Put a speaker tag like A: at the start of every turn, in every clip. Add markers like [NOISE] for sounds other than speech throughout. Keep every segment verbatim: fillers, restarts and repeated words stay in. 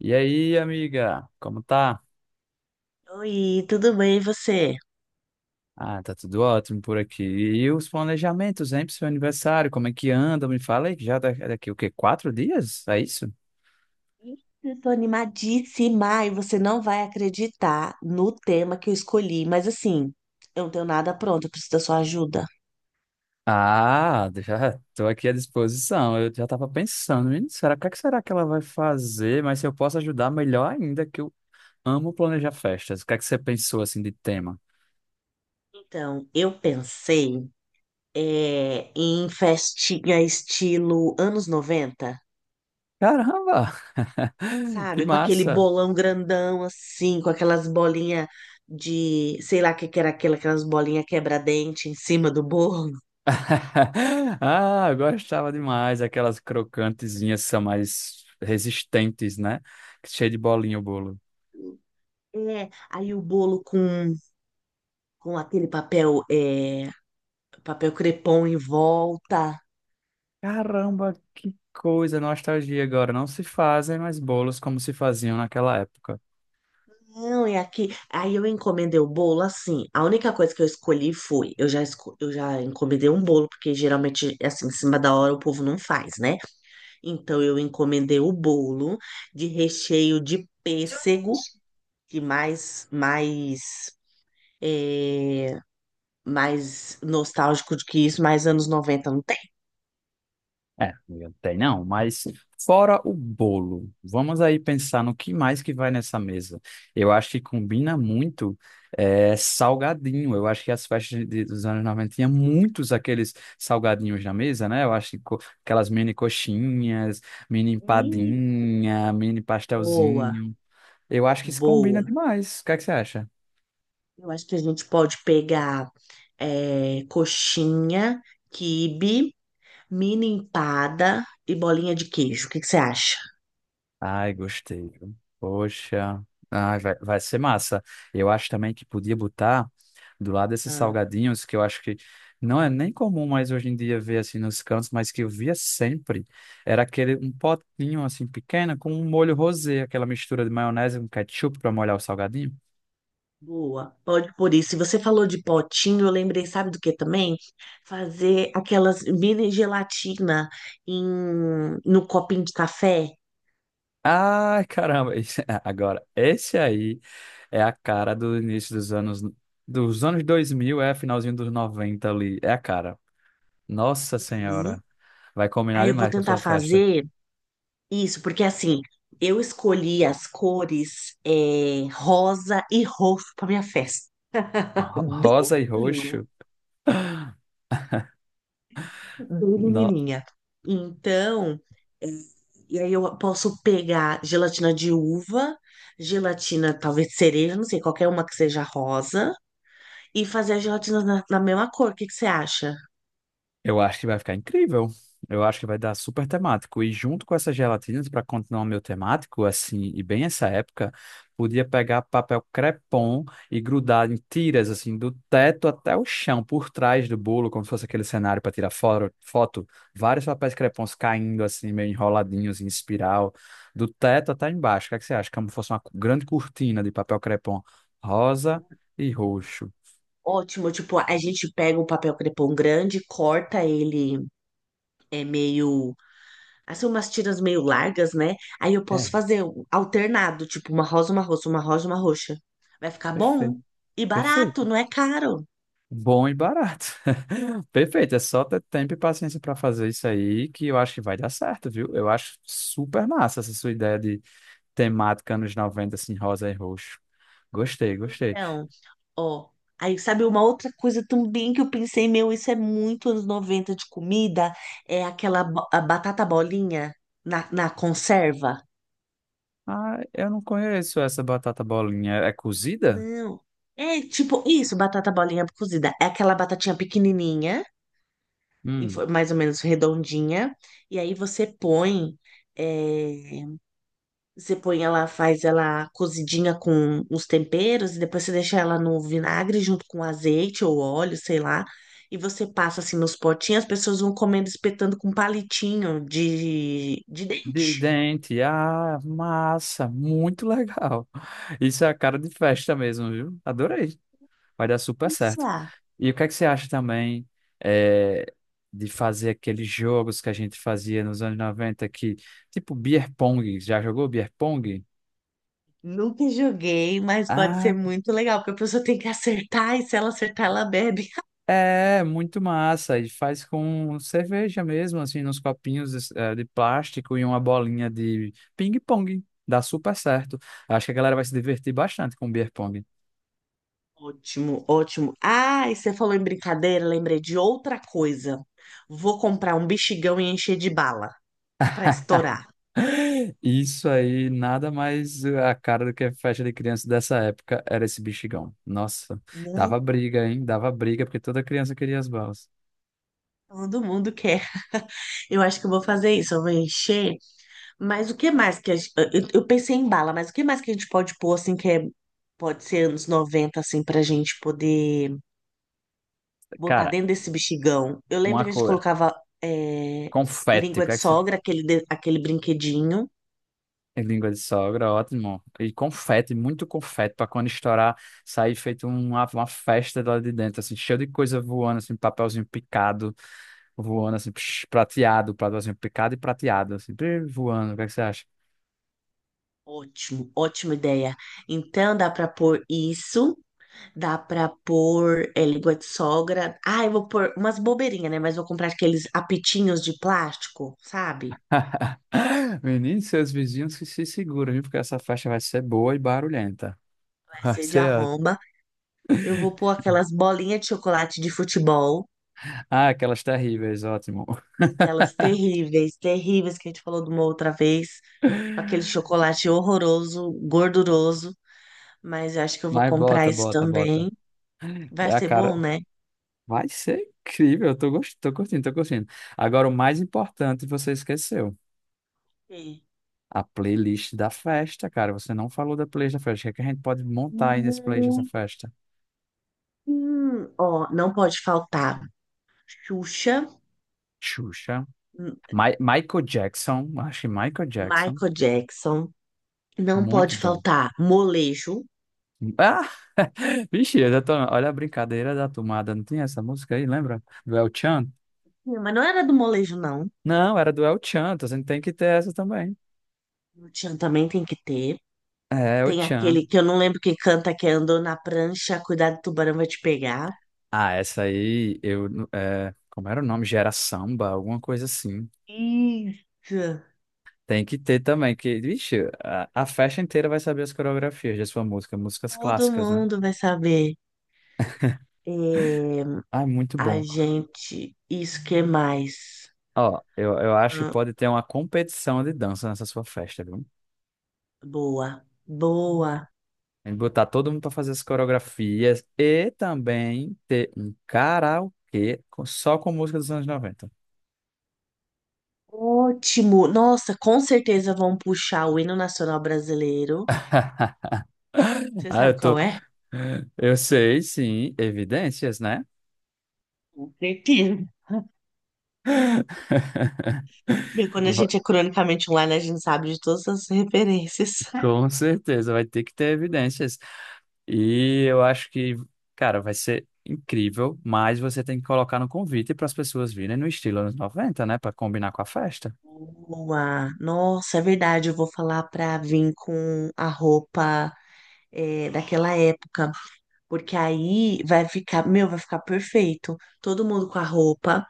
A: E aí, amiga, como tá?
B: Oi, tudo bem e você?
A: Ah, tá tudo ótimo por aqui. E os planejamentos, hein, pro seu aniversário? Como é que anda? Me fala aí, que já da- daqui o quê? Quatro dias? É isso?
B: Eu tô animadíssima e você não vai acreditar no tema que eu escolhi, mas assim, eu não tenho nada pronto, eu preciso da sua ajuda.
A: Ah, [LAUGHS] já tô aqui à disposição. Eu já tava pensando, menino, será, o que é que será que ela vai fazer? Mas se eu posso ajudar, melhor ainda, que eu amo planejar festas. O que é que você pensou, assim, de tema?
B: Então, eu pensei é, em festinha estilo anos noventa,
A: Caramba! [LAUGHS] Que
B: sabe? Com aquele
A: massa!
B: bolão grandão assim, com aquelas bolinhas de, sei lá o que que era aquela, aquelas bolinhas quebra-dente em cima do bolo.
A: [LAUGHS] Ah, eu gostava demais. Aquelas crocantezinhas são mais resistentes, né? Cheio de bolinha o bolo.
B: É, aí o bolo com, com aquele papel. É, papel crepom em volta.
A: Caramba, que coisa, nostalgia agora. Não se fazem mais bolos como se faziam naquela época.
B: Não, é aqui. Aí eu encomendei o bolo assim. A única coisa que eu escolhi foi, eu já, esco- eu já encomendei um bolo, porque geralmente, assim, em cima da hora o povo não faz, né? Então eu encomendei o bolo de recheio de pêssego, que mais, mais, é, mais nostálgico do que isso, mais anos noventa não tem.
A: É, amiga, tem não, mas fora o bolo, vamos aí pensar no que mais que vai nessa mesa. Eu acho que combina muito é, salgadinho. Eu acho que as festas de- dos anos noventa tinha muitos aqueles salgadinhos na mesa, né? Eu acho que co- aquelas mini coxinhas, mini
B: Ih,
A: empadinha, mini
B: boa,
A: pastelzinho. Eu acho que isso combina
B: boa.
A: demais. O que é que você acha?
B: Eu acho que a gente pode pegar é, coxinha, quibe, mini empada e bolinha de queijo. O que que você acha?
A: Ai, gostei, viu? Poxa. Ai, vai, vai ser massa. Eu acho também que podia botar do lado desses
B: Ah,
A: salgadinhos, que eu acho que não é nem comum mais hoje em dia ver assim nos cantos, mas que eu via sempre. Era aquele um potinho assim pequeno com um molho rosé, aquela mistura de maionese com ketchup para molhar o salgadinho.
B: boa. Pode por isso. Se você falou de potinho, eu lembrei, sabe do que também? Fazer aquelas mini gelatina em, no copinho de café.
A: Ai, caramba. esse- [LAUGHS] Agora, esse aí é a cara do início dos anos. Dos anos dois mil, é finalzinho dos noventa ali. É a cara. Nossa
B: Uhum.
A: Senhora, vai combinar
B: Aí eu vou
A: demais com a
B: tentar
A: sua festa.
B: fazer isso, porque assim, eu escolhi as cores é, rosa e roxo para minha festa.
A: [LAUGHS] Ro-
B: Bem
A: Rosa e
B: pequenininha.
A: roxo. [GASPS] [LAUGHS]
B: bem
A: No-
B: menininha. Então, é, e aí eu posso pegar gelatina de uva, gelatina talvez cereja, não sei, qualquer uma que seja rosa, e fazer a gelatina na, na mesma cor. O que que você acha?
A: Eu acho que vai ficar incrível. Eu acho que vai dar super temático. E junto com essas gelatinas, para continuar o meu temático, assim, e bem essa época, podia pegar papel crepom e grudar em tiras, assim, do teto até o chão, por trás do bolo, como se fosse aquele cenário para tirar foro- foto. Vários papéis crepons caindo, assim, meio enroladinhos em espiral, do teto até embaixo. O que é que você acha? Como se fosse uma cu- grande cortina de papel crepom rosa e roxo.
B: Ótimo, tipo, a gente pega um papel crepom grande, corta ele, é meio, assim, umas tiras meio largas, né? Aí eu posso
A: É,
B: fazer um alternado, tipo, uma rosa, uma roxa, uma rosa, uma roxa. Vai ficar
A: perfeito.
B: bom e barato,
A: Perfeito.
B: não é caro.
A: Bom e barato. [LAUGHS] Perfeito, é só ter tempo e paciência para fazer isso aí que eu acho que vai dar certo, viu? Eu acho super massa essa sua ideia de temática anos noventa assim, rosa e roxo. Gostei, gostei.
B: Então, Ó, aí sabe uma outra coisa também que eu pensei, meu, isso é muito anos noventa de comida, é aquela bo- a batata bolinha na, na conserva.
A: Ah, eu não conheço essa batata bolinha. É cozida?
B: Não, é tipo isso, batata bolinha cozida. É aquela batatinha pequenininha, em
A: Hum,
B: fo- mais ou menos redondinha, e aí você põe eh, Você põe ela, faz ela cozidinha com os temperos e depois você deixa ela no vinagre junto com azeite ou óleo, sei lá. E você passa assim nos potinhos, as pessoas vão comendo, espetando com um palitinho de, de
A: de
B: dente.
A: dente. Ah, massa, muito [LAUGHS] legal. Isso é a cara de festa mesmo, viu? Adorei. Vai dar super
B: Isso,
A: certo.
B: ah,
A: E o que é que você acha também é, de fazer aqueles jogos que a gente fazia nos anos noventa que, tipo beer pong, já jogou beer pong?
B: nunca joguei, mas pode ser
A: Ah,
B: muito legal, porque a pessoa tem que acertar e se ela acertar, ela bebe.
A: é, muito massa. E faz com cerveja mesmo, assim, nos copinhos eh, de plástico e uma bolinha de ping-pong. Dá super certo. Acho que a galera vai se divertir bastante com beer pong.
B: Ótimo, ótimo. Ah, e você falou em brincadeira, lembrei de outra coisa. Vou comprar um bexigão e encher de bala pra estourar,
A: [LAUGHS] Isso aí, nada mais a cara do que a festa de criança dessa época era esse bexigão. Nossa,
B: né?
A: dava briga, hein? Dava briga, porque toda criança queria as balas.
B: Todo mundo quer. Eu acho que eu vou fazer isso, eu vou encher. Mas o que mais que a gente... Eu eu pensei em bala, mas o que mais que a gente pode pôr, assim, que é... Pode ser anos noventa assim, pra gente poder botar
A: Cara,
B: dentro desse bexigão. Eu lembro
A: uma
B: que a gente
A: coisa,
B: colocava é,
A: confete, o
B: língua
A: que
B: de
A: é que você...
B: sogra, aquele, de- aquele brinquedinho.
A: É língua de sogra, ótimo. E confete, muito confete, pra quando estourar, sair feito um, uma, uma festa lá de dentro, assim, cheio de coisa voando, assim, papelzinho picado, voando, assim, psh, prateado, papelzinho picado e prateado, assim, psh, voando. O que é que você acha?
B: Ótimo, ótima ideia. Então dá pra pôr isso, dá pra pôr é, língua de sogra. Ah, eu vou pôr umas bobeirinhas, né? Mas vou comprar aqueles apitinhos de plástico, sabe?
A: [LAUGHS] Menino, seus vizinhos que se seguram, viu? Porque essa festa vai ser boa e barulhenta. [LAUGHS] Vai
B: passeio de
A: ser ótimo.
B: arromba. Eu vou pôr aquelas bolinhas de chocolate de futebol,
A: Ah, aquelas terríveis, ótimo.
B: aquelas terríveis, terríveis que a gente falou de uma outra vez, com
A: [LAUGHS]
B: aquele chocolate horroroso, gorduroso. Mas eu acho que eu vou
A: Mas
B: comprar
A: bota,
B: isso
A: bota, bota.
B: também. Vai
A: É a
B: ser
A: cara.
B: bom, né?
A: Vai ser incrível. Eu tô, gost... tô curtindo, tô curtindo. Agora, o mais importante você esqueceu.
B: Sim.
A: A playlist da festa, cara. Você não falou da playlist da festa. O que é que a gente pode montar aí nesse playlist dessa
B: Muito.
A: festa?
B: Hum, Ó, não pode faltar Xuxa,
A: Xuxa.
B: M-
A: Mi- Michael Jackson. Acho que Michael Jackson.
B: Michael Jackson, não
A: Muito
B: pode
A: bom.
B: faltar molejo.
A: Ah! [LAUGHS] Vixe, eu já tô... olha a brincadeira da tomada. Não tinha essa música aí, lembra? Do El Chan?
B: Hum, Mas não era do molejo, não.
A: Não, era do El Chan, então você tem que ter essa também.
B: No Tchan também tem que ter.
A: É, El
B: Tem
A: Chan.
B: aquele que eu não lembro quem canta, que é andou na prancha, cuidado, o tubarão vai te pegar.
A: Ah, essa aí, eu. não- É... Como era o nome? Gera samba, alguma coisa assim.
B: Isso.
A: Tem que ter também, que, vixe, a, a festa inteira vai saber as coreografias de sua música, músicas
B: Todo
A: clássicas, né?
B: mundo vai saber. É,
A: Ah, é muito
B: a
A: bom.
B: gente, isso que mais?
A: Ó, eu, eu acho que
B: Hum,
A: pode ter uma competição de dança nessa sua festa, viu?
B: boa, boa.
A: Tem que botar todo mundo para fazer as coreografias e também ter um karaokê com- só com música dos anos noventa.
B: Ótimo. Nossa, com certeza vão puxar o hino nacional brasileiro.
A: [LAUGHS]
B: Você
A: Ah,
B: sabe
A: eu tô.
B: qual é?
A: Eu sei, sim, evidências, né?
B: Com certeza.
A: [LAUGHS]
B: Bem, Quando a
A: Va-
B: gente é cronicamente online, a gente sabe de todas as referências.
A: Com certeza, vai ter que ter evidências. E eu acho que, cara, vai ser incrível, mas você tem que colocar no convite para as pessoas virem no estilo anos noventa, né? Para combinar com a festa.
B: Boa! Nossa, é verdade, eu vou falar pra vir com a roupa é, daquela época, porque aí vai ficar, meu, vai ficar perfeito. Todo mundo com a roupa,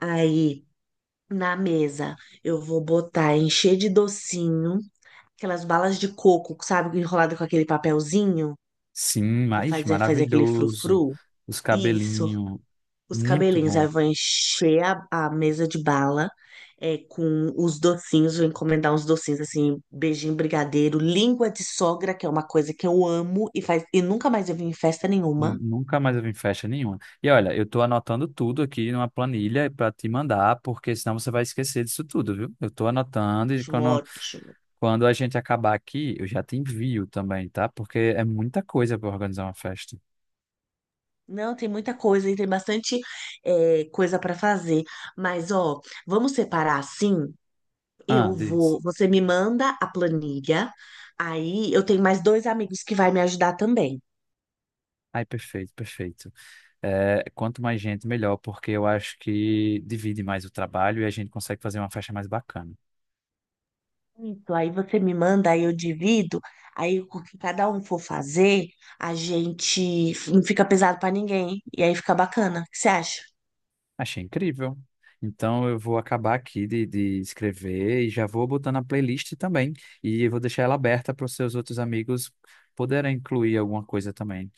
B: aí na mesa eu vou botar, encher de docinho, aquelas balas de coco, sabe, enrolada com aquele papelzinho
A: Sim,
B: que
A: mas
B: faz, é, faz aquele
A: maravilhoso.
B: frufru.
A: Os
B: Isso,
A: cabelinhos,
B: Os
A: muito
B: cabelinhos, aí
A: bom.
B: vou encher a, a mesa de bala é, com os docinhos, vou encomendar uns docinhos assim, beijinho brigadeiro, língua de sogra, que é uma coisa que eu amo e faz e nunca mais eu vim em festa nenhuma.
A: Nun- Nunca mais eu vim em festa nenhuma. E olha, eu tô anotando tudo aqui numa planilha para te mandar, porque senão você vai esquecer disso tudo, viu? Eu tô anotando e
B: Ótimo,
A: quando,
B: ótimo.
A: quando a gente acabar aqui, eu já te envio também, tá? Porque é muita coisa para organizar uma festa.
B: Não, tem muita coisa e tem bastante é, coisa para fazer. Mas, ó, vamos separar assim?
A: Ah,
B: Eu
A: diz.
B: vou, você me manda a planilha, aí eu tenho mais dois amigos que vai me ajudar também.
A: Ai, perfeito, perfeito. É, quanto mais gente, melhor, porque eu acho que divide mais o trabalho e a gente consegue fazer uma festa mais bacana.
B: Isso, aí você me manda, aí eu divido, aí o que cada um for fazer, a gente não fica pesado pra ninguém, e aí fica bacana. O que você acha?
A: Achei incrível. Então eu vou acabar aqui de, de escrever e já vou botando a playlist também. E eu vou deixar ela aberta para os seus outros amigos poderem incluir alguma coisa também.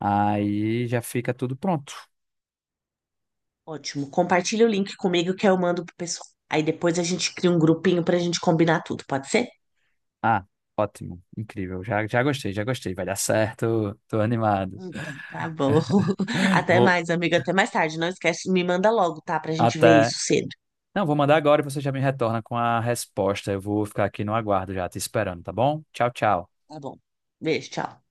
A: Aí já fica tudo pronto.
B: Ótimo. Compartilha o link comigo que eu mando pro pessoal. Aí depois a gente cria um grupinho pra gente combinar tudo, pode ser?
A: Ah, ótimo, incrível. Já, já gostei, já gostei. Vai dar certo. Tô animado.
B: Então, tá bom. [LAUGHS]
A: [LAUGHS]
B: Até
A: Vou
B: mais, amiga, até mais tarde. Não esquece, me manda logo, tá? Pra gente ver
A: até.
B: isso cedo.
A: Não, vou mandar agora e você já me retorna com a resposta. Eu vou ficar aqui no aguardo já, te esperando, tá bom? Tchau, tchau.
B: Tá bom. Beijo, tchau.